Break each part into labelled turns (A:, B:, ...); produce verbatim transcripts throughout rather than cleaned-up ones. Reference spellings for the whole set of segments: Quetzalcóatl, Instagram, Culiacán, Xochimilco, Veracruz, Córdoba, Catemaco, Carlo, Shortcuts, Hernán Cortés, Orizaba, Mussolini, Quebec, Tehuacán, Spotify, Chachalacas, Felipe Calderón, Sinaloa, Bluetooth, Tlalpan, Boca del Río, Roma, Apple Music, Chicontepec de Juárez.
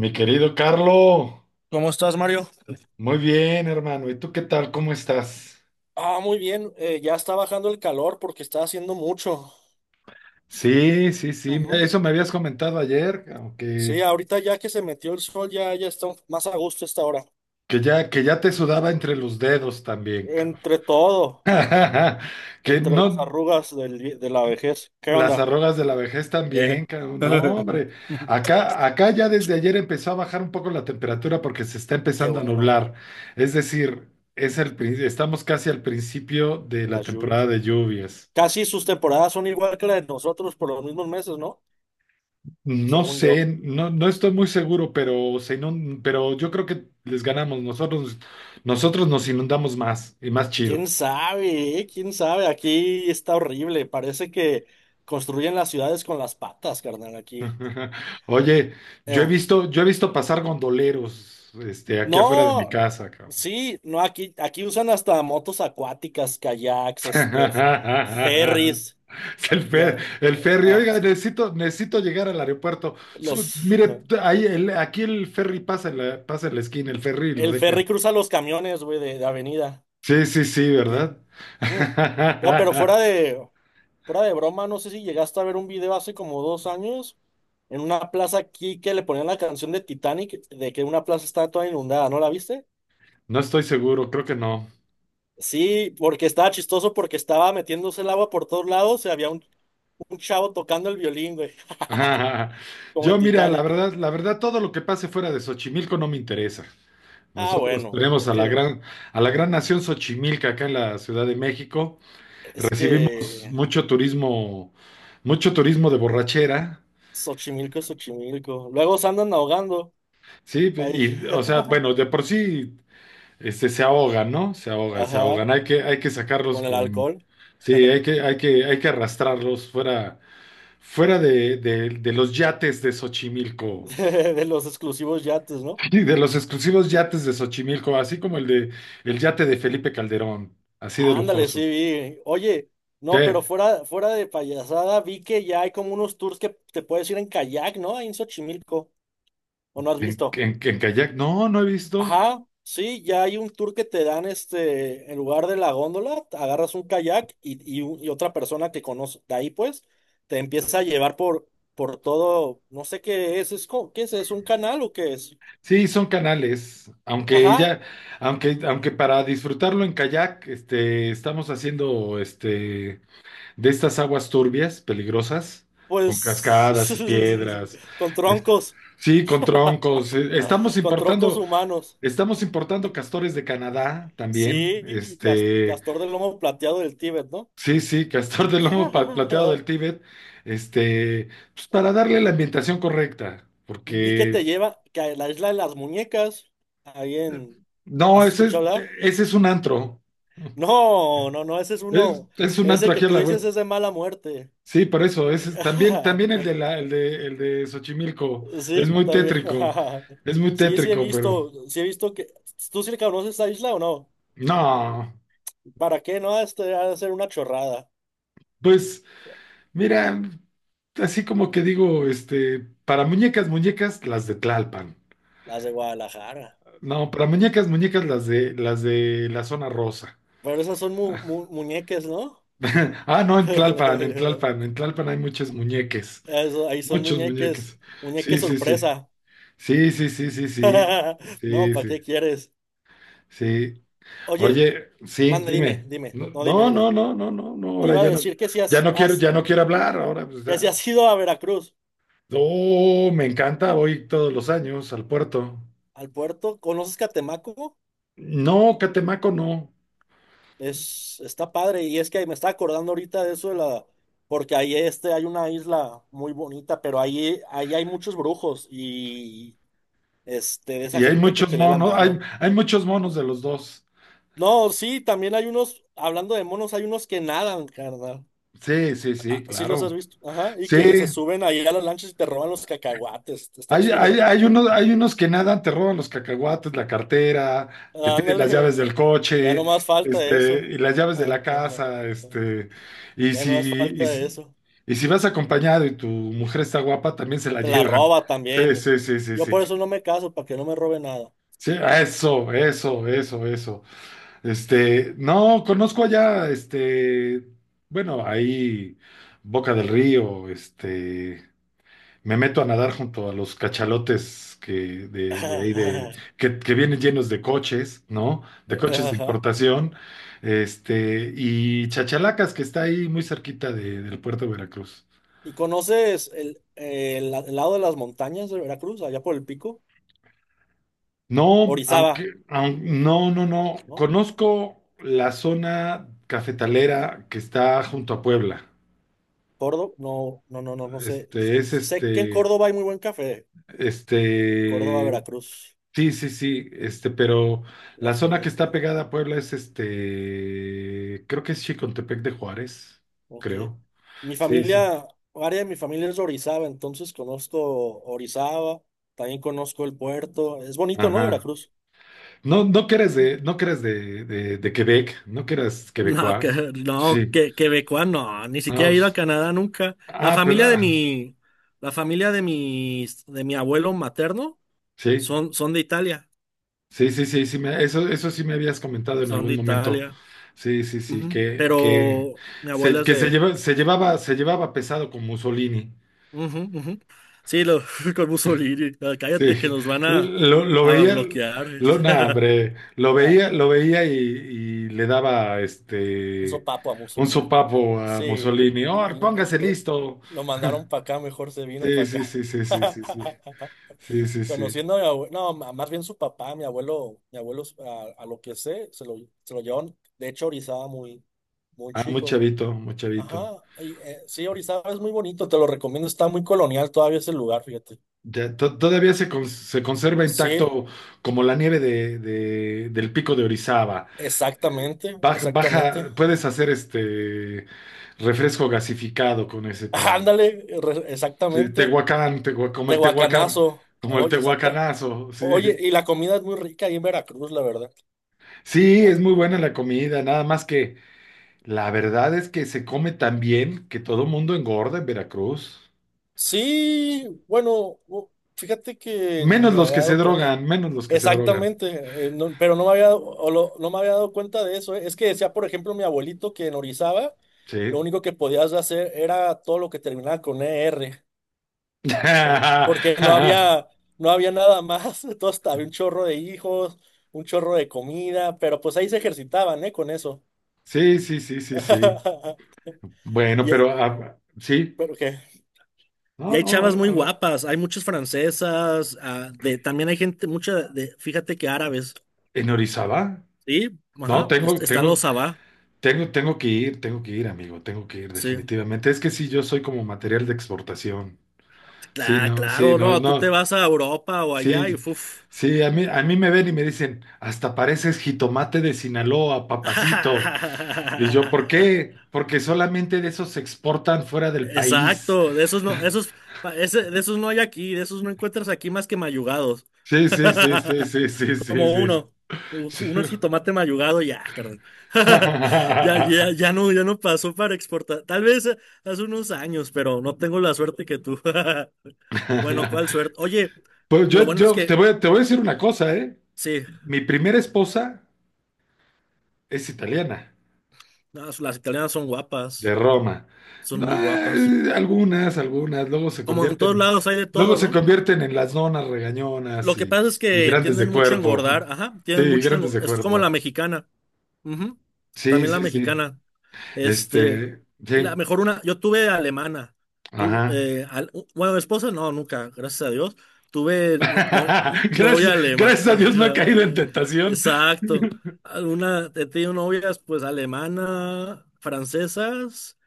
A: Mi querido Carlo,
B: ¿Cómo estás, Mario?
A: muy bien, hermano. ¿Y tú qué tal? ¿Cómo estás?
B: Ah, muy bien. Eh, ya está bajando el calor porque está haciendo mucho.
A: Sí, sí, sí.
B: Ujú.
A: Eso me habías comentado ayer, cabrón,
B: Sí,
A: que,
B: ahorita ya que se metió el sol, ya, ya está más a gusto esta hora.
A: que ya, que ya te sudaba entre los dedos también, cabrón.
B: Entre todo,
A: Que
B: entre las
A: no,
B: arrugas del vi- de la vejez. ¿Qué
A: las
B: onda?
A: arrugas de la vejez
B: Eh.
A: también, cabrón. No, hombre. Acá, acá ya desde ayer empezó a bajar un poco la temperatura porque se está
B: Qué
A: empezando a
B: bueno,
A: nublar. Es decir, es el, prin- estamos casi al principio de la
B: las
A: temporada
B: lluvias.
A: de lluvias.
B: Casi sus temporadas son igual que las de nosotros por los mismos meses, ¿no?
A: No
B: Según
A: sé,
B: yo.
A: no, no estoy muy seguro, pero, se inun- pero yo creo que les ganamos. Nosotros, nosotros nos inundamos más y más chido.
B: ¿Quién sabe? eh? ¿Quién sabe? Aquí está horrible. Parece que construyen las ciudades con las patas, carnal, aquí.
A: Oye, yo he
B: Em,
A: visto, yo he visto pasar gondoleros, este, aquí afuera de mi
B: No,
A: casa, cabrón.
B: sí, no, aquí, aquí usan hasta motos acuáticas, kayaks, este, f- ferries.
A: Es
B: Eh,
A: El fer-
B: ya,
A: el
B: eh,
A: ferry,
B: ah,
A: oiga, necesito, necesito llegar al aeropuerto. Su-
B: los,
A: mire, ahí el- aquí el ferry pasa en la, pasa en la esquina, el ferry lo
B: el ferry
A: dejan.
B: cruza los camiones, güey, de, de avenida,
A: Sí, sí, sí,
B: aquí.
A: ¿verdad?
B: Mm. No, pero fuera de, fuera de broma, no sé si llegaste a ver un video hace como dos años, en una plaza aquí que le ponían la canción de Titanic, de que una plaza estaba toda inundada, ¿no la viste?
A: No estoy seguro, creo que no.
B: Sí, porque estaba chistoso porque estaba metiéndose el agua por todos lados y había un Un chavo tocando el violín, güey, como
A: Yo,
B: en
A: mira, la
B: Titanic.
A: verdad, la verdad, todo lo que pase fuera de Xochimilco no me interesa.
B: Ah,
A: Nosotros
B: bueno,
A: tenemos
B: es
A: a la
B: que,
A: gran, a la gran nación Xochimilca acá en la Ciudad de México.
B: es
A: Recibimos
B: que
A: mucho turismo, mucho turismo de borrachera,
B: Xochimilco es Xochimilco. Luego se andan ahogando
A: ¿sí?
B: ahí.
A: Y, o sea, bueno, de por sí, este, se ahogan, ¿no? Se ahogan, se
B: Ajá,
A: ahogan. Hay que, hay que sacarlos
B: con el
A: con,
B: alcohol.
A: sí, hay que, hay que, hay que arrastrarlos fuera, fuera de, de de los yates de Xochimilco.
B: De los exclusivos yates, ¿no?
A: Y de los exclusivos yates de Xochimilco, así como el de el yate de Felipe Calderón, así de
B: Ándale,
A: lujoso.
B: sí, vi. Oye, no, pero
A: ¿Qué?
B: fuera, fuera de payasada, vi que ya hay como unos tours que te puedes ir en kayak, ¿no? Ahí en Xochimilco. ¿O no has
A: ¿En,
B: visto?
A: en, en kayak? No, no he visto.
B: Ajá, sí, ya hay un tour que te dan este, en lugar de la góndola, agarras un kayak y, y u- y otra persona que conoce de ahí, pues, te empieza a llevar por, por, todo, no sé qué es, es co- ¿qué es? ¿Es un canal o qué es?
A: Sí, son canales, aunque
B: Ajá,
A: ella, aunque, aunque para disfrutarlo en kayak, este, estamos haciendo este de estas aguas turbias, peligrosas, con
B: pues.
A: cascadas y piedras,
B: Con
A: es-
B: troncos,
A: sí, con troncos. eh, Estamos
B: con troncos
A: importando,
B: humanos.
A: estamos importando castores de Canadá también,
B: Sí, y cas-
A: este.
B: castor del lomo plateado del Tíbet, ¿no?
A: Sí, sí, castor de lomo pa- plateado del Tíbet, este, pues para darle la ambientación correcta,
B: Vi que te
A: porque
B: lleva, que a la isla de las muñecas, ahí en,
A: no,
B: ¿has
A: ese es,
B: escuchado hablar?
A: ese es un antro,
B: No, no, no, ese es
A: es,
B: uno.
A: es un antro
B: Ese que
A: aquí a
B: tú
A: la
B: dices
A: vuelta.
B: es de mala muerte.
A: Sí, por eso, ese es, también, también el de la, el de, el de Xochimilco, es
B: Sí,
A: muy
B: también.
A: tétrico, es muy
B: Sí, sí he
A: tétrico, pero
B: visto, sí he visto que. ¿Tú sí le conoces esta isla o no?
A: no,
B: ¿Para qué no? Este ha de ser una chorrada.
A: pues mira, así como que digo, este, para muñecas, muñecas, las de Tlalpan.
B: Las de Guadalajara.
A: No, pero muñecas, muñecas las de las de la zona rosa.
B: Pero esas son mu- mu- muñeques, ¿no?
A: Ah, no, en Tlalpan, en Tlalpan, en Tlalpan hay muchos muñeques,
B: Eso, ahí son
A: muchos
B: muñeques,
A: muñeques.
B: muñeques
A: Sí, sí, sí.
B: sorpresa.
A: Sí, sí, sí, sí, sí.
B: No,
A: Sí,
B: ¿para
A: sí.
B: qué quieres?
A: Sí.
B: Oye,
A: Oye, sí,
B: manda, dime,
A: dime.
B: dime,
A: No,
B: no, dime,
A: no,
B: dime.
A: no, no, no, no, no,
B: Te
A: ahora
B: iba a
A: ya no,
B: decir que si
A: ya
B: has,
A: no quiero,
B: has,
A: ya no quiero hablar, ahora pues
B: que si
A: ya.
B: has ido a Veracruz.
A: Oh, me encanta, voy todos los años al puerto.
B: Al puerto, ¿conoces Catemaco?
A: No, Catemaco no.
B: Es, está padre y es que me está acordando ahorita de eso de la, porque ahí este hay una isla muy bonita, pero ahí, ahí hay muchos brujos y este de esa
A: Y hay
B: gente que
A: muchos
B: te lee la
A: monos, hay,
B: mano.
A: hay muchos monos de los dos.
B: No, sí, también hay unos, hablando de monos, hay unos que nadan, carnal.
A: Sí, sí, sí,
B: Ah, sí los
A: claro.
B: has visto, ajá, y
A: Sí,
B: que se suben ahí a las lanchas y te roban los cacahuates. Está
A: hay, hay,
B: chido.
A: hay unos, hay unos que nadan, te roban los cacahuates, la cartera, te piden las
B: Ándale,
A: llaves del
B: ya
A: coche,
B: no más falta
A: este,
B: eso.
A: y las llaves de la casa, este, y
B: Ya
A: si,
B: no más
A: y
B: falta
A: si,
B: eso.
A: y si vas acompañado y tu mujer está guapa, también se la
B: Te la
A: llevan.
B: roba
A: Sí,
B: también.
A: sí, sí, sí,
B: Yo
A: sí.
B: por eso no me caso, para que no me robe nada.
A: Sí, eso, eso, eso, eso. Este, no, conozco allá, este, bueno, ahí Boca del Río, este. Me meto a nadar junto a los cachalotes que de, de ahí de que, que vienen llenos de coches, ¿no? De coches de
B: Ajá.
A: importación, este, y Chachalacas, que está ahí muy cerquita de- del puerto de Veracruz.
B: ¿Y conoces el, el el lado de las montañas de Veracruz, allá por el pico?
A: No, aunque,
B: Orizaba,
A: aun- no, no, no.
B: ¿no?
A: Conozco la zona cafetalera que está junto a Puebla.
B: Córdoba, no, no, no, no, no sé.
A: Este, es
B: Sé que en
A: este,
B: Córdoba hay muy buen café. Córdoba,
A: este,
B: Veracruz,
A: Sí, sí, sí, este, pero
B: la
A: la
B: flor
A: zona
B: de
A: que está
B: Córdoba.
A: pegada a Puebla es este, creo que es Chicontepec de Juárez,
B: Ok.
A: creo.
B: Mi
A: Sí,
B: familia,
A: sí.
B: área de mi familia es de Orizaba, entonces conozco Orizaba, también conozco el puerto. Es bonito, ¿no,
A: Ajá.
B: Veracruz?
A: No, no que eres de, no que eres de, de, de Quebec, no que eras
B: No,
A: quebecois.
B: que, no,
A: Sí.
B: que, quebecoa, no, ni
A: No,
B: siquiera he ido a
A: pues,
B: Canadá nunca. La
A: ah, pero
B: familia de
A: ah,
B: mi, la familia de mis, de mi abuelo materno
A: sí,
B: son, son de Italia,
A: sí, sí, sí, sí, me- eso, eso sí me habías comentado en
B: son
A: algún
B: de
A: momento.
B: Italia.
A: Sí, sí, sí,
B: Ujú.
A: que, que
B: Pero mi
A: se,
B: abuela es
A: que se
B: de,
A: lleva, se llevaba, se llevaba pesado con Mussolini.
B: ujú, ujú. Sí, lo. Con Mussolini. no, cállate que
A: Sí,
B: nos van a,
A: lo, lo
B: a
A: veía,
B: bloquear.
A: lo, no, hombre, lo
B: Era
A: veía, lo veía y, y le daba
B: un
A: este
B: sopapo a
A: un
B: Mussolini.
A: sopapo a
B: Sí,
A: Mussolini. ¡Oh,
B: y- y- y
A: póngase
B: to-
A: listo!
B: lo mandaron para acá, mejor se vino
A: Sí,
B: para
A: sí,
B: acá.
A: sí, sí, sí, sí, sí, sí, sí, sí.
B: Conociendo a mi abuelo, no, ma- más bien su papá, mi abuelo, mi abuelo, a, a lo que sé, se lo, se lo llevaron, de hecho, a Orizaba muy, muy
A: Ah, muy
B: chico.
A: chavito, muy chavito.
B: Ajá, y, eh, sí, Orizaba es muy bonito, te lo recomiendo, está muy colonial todavía ese lugar, fíjate.
A: Ya, to- todavía se, cons- se conserva
B: Sí,
A: intacto como la nieve de, de- del pico de Orizaba. Eh,
B: exactamente,
A: Baja,
B: exactamente.
A: baja, puedes hacer este refresco gasificado con ese para...
B: Ándale, re-
A: Sí,
B: exactamente.
A: Tehuacán, Tehua- como el Tehuacán,
B: Tehuacanazo,
A: como el
B: oye, exacta.
A: Tehuacanazo, sí.
B: Oye, y la comida es muy rica ahí en Veracruz, la verdad.
A: Sí, es muy buena la comida, nada más que la verdad es que se come tan bien que todo mundo engorda en Veracruz.
B: Sí, bueno, u- fíjate que ni
A: Menos
B: me
A: los
B: había
A: que se
B: dado cuenta.
A: drogan, menos los que se drogan.
B: Exactamente, eh, no- pero no me había, dado- o lo- no me había dado cuenta de eso. eh. Es que decía, por ejemplo, mi abuelito que en Orizaba lo
A: Sí.
B: único que podías hacer era todo lo que terminaba con E r, por- porque no había, no había nada más. Entonces había un chorro de hijos, un chorro de comida, pero pues ahí se ejercitaban, ¿eh? Con eso.
A: Sí, sí, sí, sí, sí. Bueno,
B: Y,
A: pero ah, sí.
B: pero, ¿qué? Y
A: No,
B: hay
A: no,
B: chavas muy
A: ahora
B: guapas, hay muchas francesas, ah, de, también hay gente, mucha de, fíjate que árabes,
A: en Orizaba.
B: ¿sí?
A: No,
B: Ajá, est-
A: tengo,
B: están
A: tengo,
B: los Sabá,
A: tengo, tengo que ir, tengo que ir, amigo, tengo que ir
B: sí.
A: definitivamente. Es que sí, yo soy como material de exportación. Sí,
B: Cla-
A: no, sí,
B: claro,
A: no,
B: no, tú te
A: no,
B: vas a Europa o allá y
A: sí,
B: fuf.
A: sí, a mí, a mí me ven y me dicen, hasta pareces jitomate de Sinaloa, papacito. Y yo, ¿por qué? Porque solamente de esos se exportan fuera del país.
B: Exacto, de esos no, esos, pa- ese- de esos no hay aquí, de esos no encuentras aquí más que mayugados.
A: Sí, sí, sí, sí, sí, sí, sí,
B: Como
A: sí.
B: uno.
A: Sí.
B: Uno el jitomate mayugado, ya, carnal. Ya, ya, ya no, ya no pasó para exportar. Tal vez eh, hace unos años, pero no tengo la suerte que tú. Bueno, ¿cuál suerte? Oye,
A: Pues
B: lo
A: yo,
B: bueno es
A: yo te
B: que
A: voy, te voy a decir una cosa, ¿eh?
B: sí,
A: Mi primera esposa es italiana,
B: las las italianas son guapas,
A: de Roma.
B: son
A: No,
B: muy guapas.
A: eh, algunas, algunas, luego se
B: Como en todos
A: convierten,
B: lados hay de
A: luego
B: todo,
A: se
B: ¿no?
A: convierten en las donas regañonas
B: Lo que
A: y,
B: pasa es
A: y
B: que
A: grandes
B: tienden
A: de
B: mucho a
A: cuerpo.
B: engordar, ajá,
A: Sí,
B: tienen mucho,
A: grandes
B: engo-
A: de
B: es como la
A: cuerpo.
B: mexicana. Ujú,
A: Sí,
B: también la
A: sí, sí.
B: mexicana. Este,
A: Este,
B: la
A: sí,
B: mejor una, yo tuve alemana. Tu,
A: ajá.
B: eh, al- bueno, esposa no, nunca, gracias a Dios. Tuve no, no-
A: Gracias,
B: novia alemana.
A: gracias a Dios no ha caído en tentación.
B: Exacto. Alguna, he tenido novias pues alemana, francesas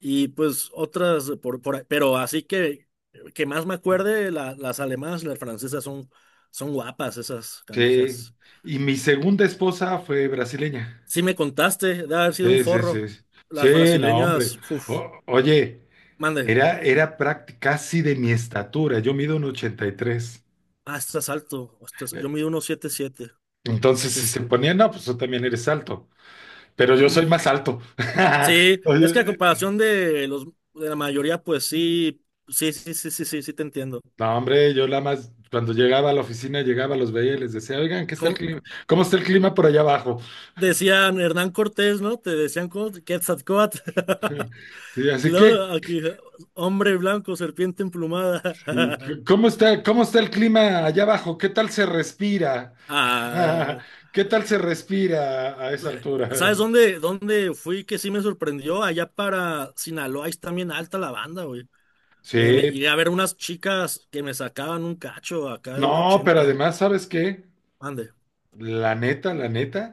B: y pues otras por, por ahí. Pero así que que más me acuerde, la- las alemanas y las francesas son, son guapas esas
A: Sí.
B: canijas.
A: Y mi segunda esposa fue brasileña.
B: Sí me contaste de haber sido un
A: Sí, sí, sí.
B: forro. Las
A: Sí, no, hombre.
B: brasileñas, uff,
A: O- oye.
B: mande.
A: Era, era práct- casi de mi estatura, yo mido un ochenta y tres.
B: Ah, estás alto. estás-
A: Eh,
B: Yo mido unos siete siete.
A: Entonces,
B: Sí,
A: si
B: es.
A: se ponía, no, pues tú también eres alto, pero yo
B: Mm.
A: soy más alto.
B: Sí, es que a
A: Oye,
B: comparación de los de la mayoría, pues sí, sí, sí, sí, sí, sí, sí te entiendo.
A: no, hombre, yo la más, cuando llegaba a la oficina, llegaba, los veía y les decía, oigan, ¿qué está el
B: Como
A: clima? ¿Cómo está el clima por allá abajo?
B: decían Hernán Cortés, ¿no? Te decían como Quetzalcóatl.
A: Sí, así que,
B: Luego, aquí, hombre blanco, serpiente emplumada.
A: y, ¿cómo está, cómo está el clima allá abajo? ¿Qué tal se respira?
B: Ah,
A: ¿Qué tal se respira a esa altura?
B: ¿sabes dónde, dónde fui que sí me sorprendió? Allá para Sinaloa, ahí está bien alta la banda, güey. Eh, me
A: Sí,
B: llegué a ver unas chicas que me sacaban un cacho acá de un
A: no, pero
B: ochenta.
A: además, ¿sabes qué?
B: Ande.
A: La neta, la neta,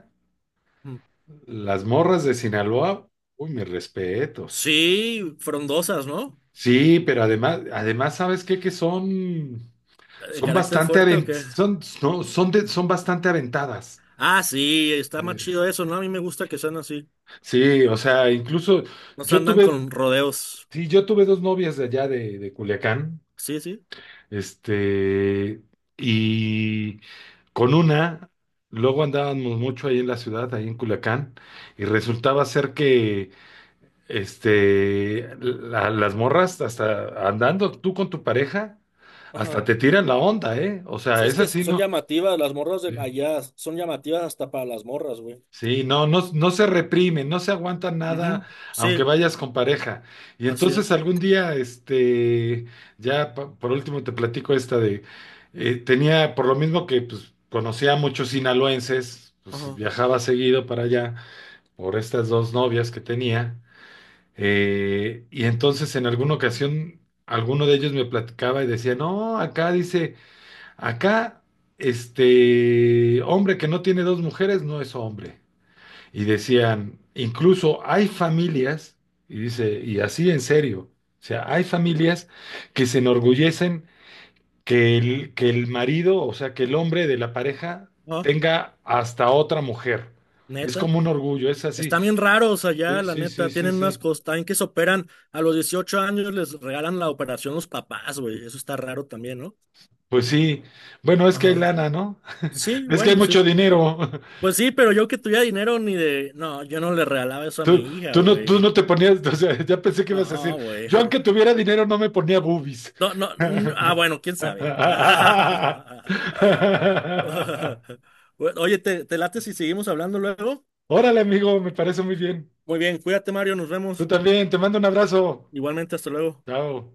B: Mm.
A: las morras de Sinaloa, uy, mis respetos.
B: Sí, frondosas, ¿no?
A: Sí, pero además, además, ¿sabes qué? Que son,
B: ¿De
A: son
B: carácter
A: bastante
B: fuerte o
A: aven-
B: qué?
A: son, no, son, de- son bastante aventadas.
B: Ah, sí, está más
A: Eh,
B: chido eso, ¿no? A mí me gusta que sean así.
A: Sí, o sea, incluso
B: No se
A: yo
B: andan
A: tuve,
B: con rodeos.
A: sí, yo tuve dos novias de allá de, de Culiacán,
B: Sí, sí.
A: este, y con una, luego andábamos mucho ahí en la ciudad, ahí en Culiacán, y resultaba ser que Este, la- las morras hasta andando tú con tu pareja, hasta
B: Ajá.
A: te tiran la onda, ¿eh? O sea,
B: Es
A: es
B: que
A: así,
B: son
A: ¿no?
B: llamativas, las morras de
A: Sí,
B: allá son llamativas hasta para las morras, güey.
A: sí, no, no, no se reprimen, no se aguantan nada,
B: Ujú. Sí,
A: aunque vayas con pareja. Y
B: así
A: entonces
B: es.
A: algún día, este, ya pa- por último te platico esta de, eh, tenía, por lo mismo que pues, conocía a muchos sinaloenses, pues
B: Ajá.
A: viajaba seguido para allá por estas dos novias que tenía. Eh, y entonces en alguna ocasión alguno de ellos me platicaba y decía, no, acá dice, acá este hombre que no tiene dos mujeres no es hombre. Y decían, incluso hay familias, y dice, y así en serio, o sea, hay familias que se enorgullecen que el, que el marido, o sea, que el hombre de la pareja
B: Ah,
A: tenga hasta otra mujer. Es
B: ¿neta?
A: como un orgullo, es así.
B: Están bien raros allá,
A: Sí,
B: la
A: sí, sí,
B: neta.
A: sí,
B: Tienen unas
A: sí.
B: costas que se operan a los dieciocho años, les regalan la operación los papás, güey. Eso está raro también, ¿no?
A: Pues sí, bueno, es que hay
B: Ajá.
A: lana, ¿no?
B: Sí,
A: Es que hay
B: bueno,
A: mucho
B: sí.
A: dinero.
B: Pues sí, pero yo que tuviera dinero ni de. No, yo no le regalaba eso a
A: Tú,
B: mi hija,
A: tú no, tú
B: güey.
A: no te ponías, o sea, ya pensé que
B: No,
A: ibas a decir,
B: güey.
A: yo aunque tuviera dinero no me ponía boobies.
B: No, no. n- Ah, bueno, quién sabe. Oye, ¿te, te late si seguimos hablando luego?
A: Órale, amigo, me parece muy bien.
B: Muy bien, cuídate, Mario, nos
A: Tú
B: vemos.
A: también, te mando un abrazo.
B: Igualmente, hasta luego.
A: Chao.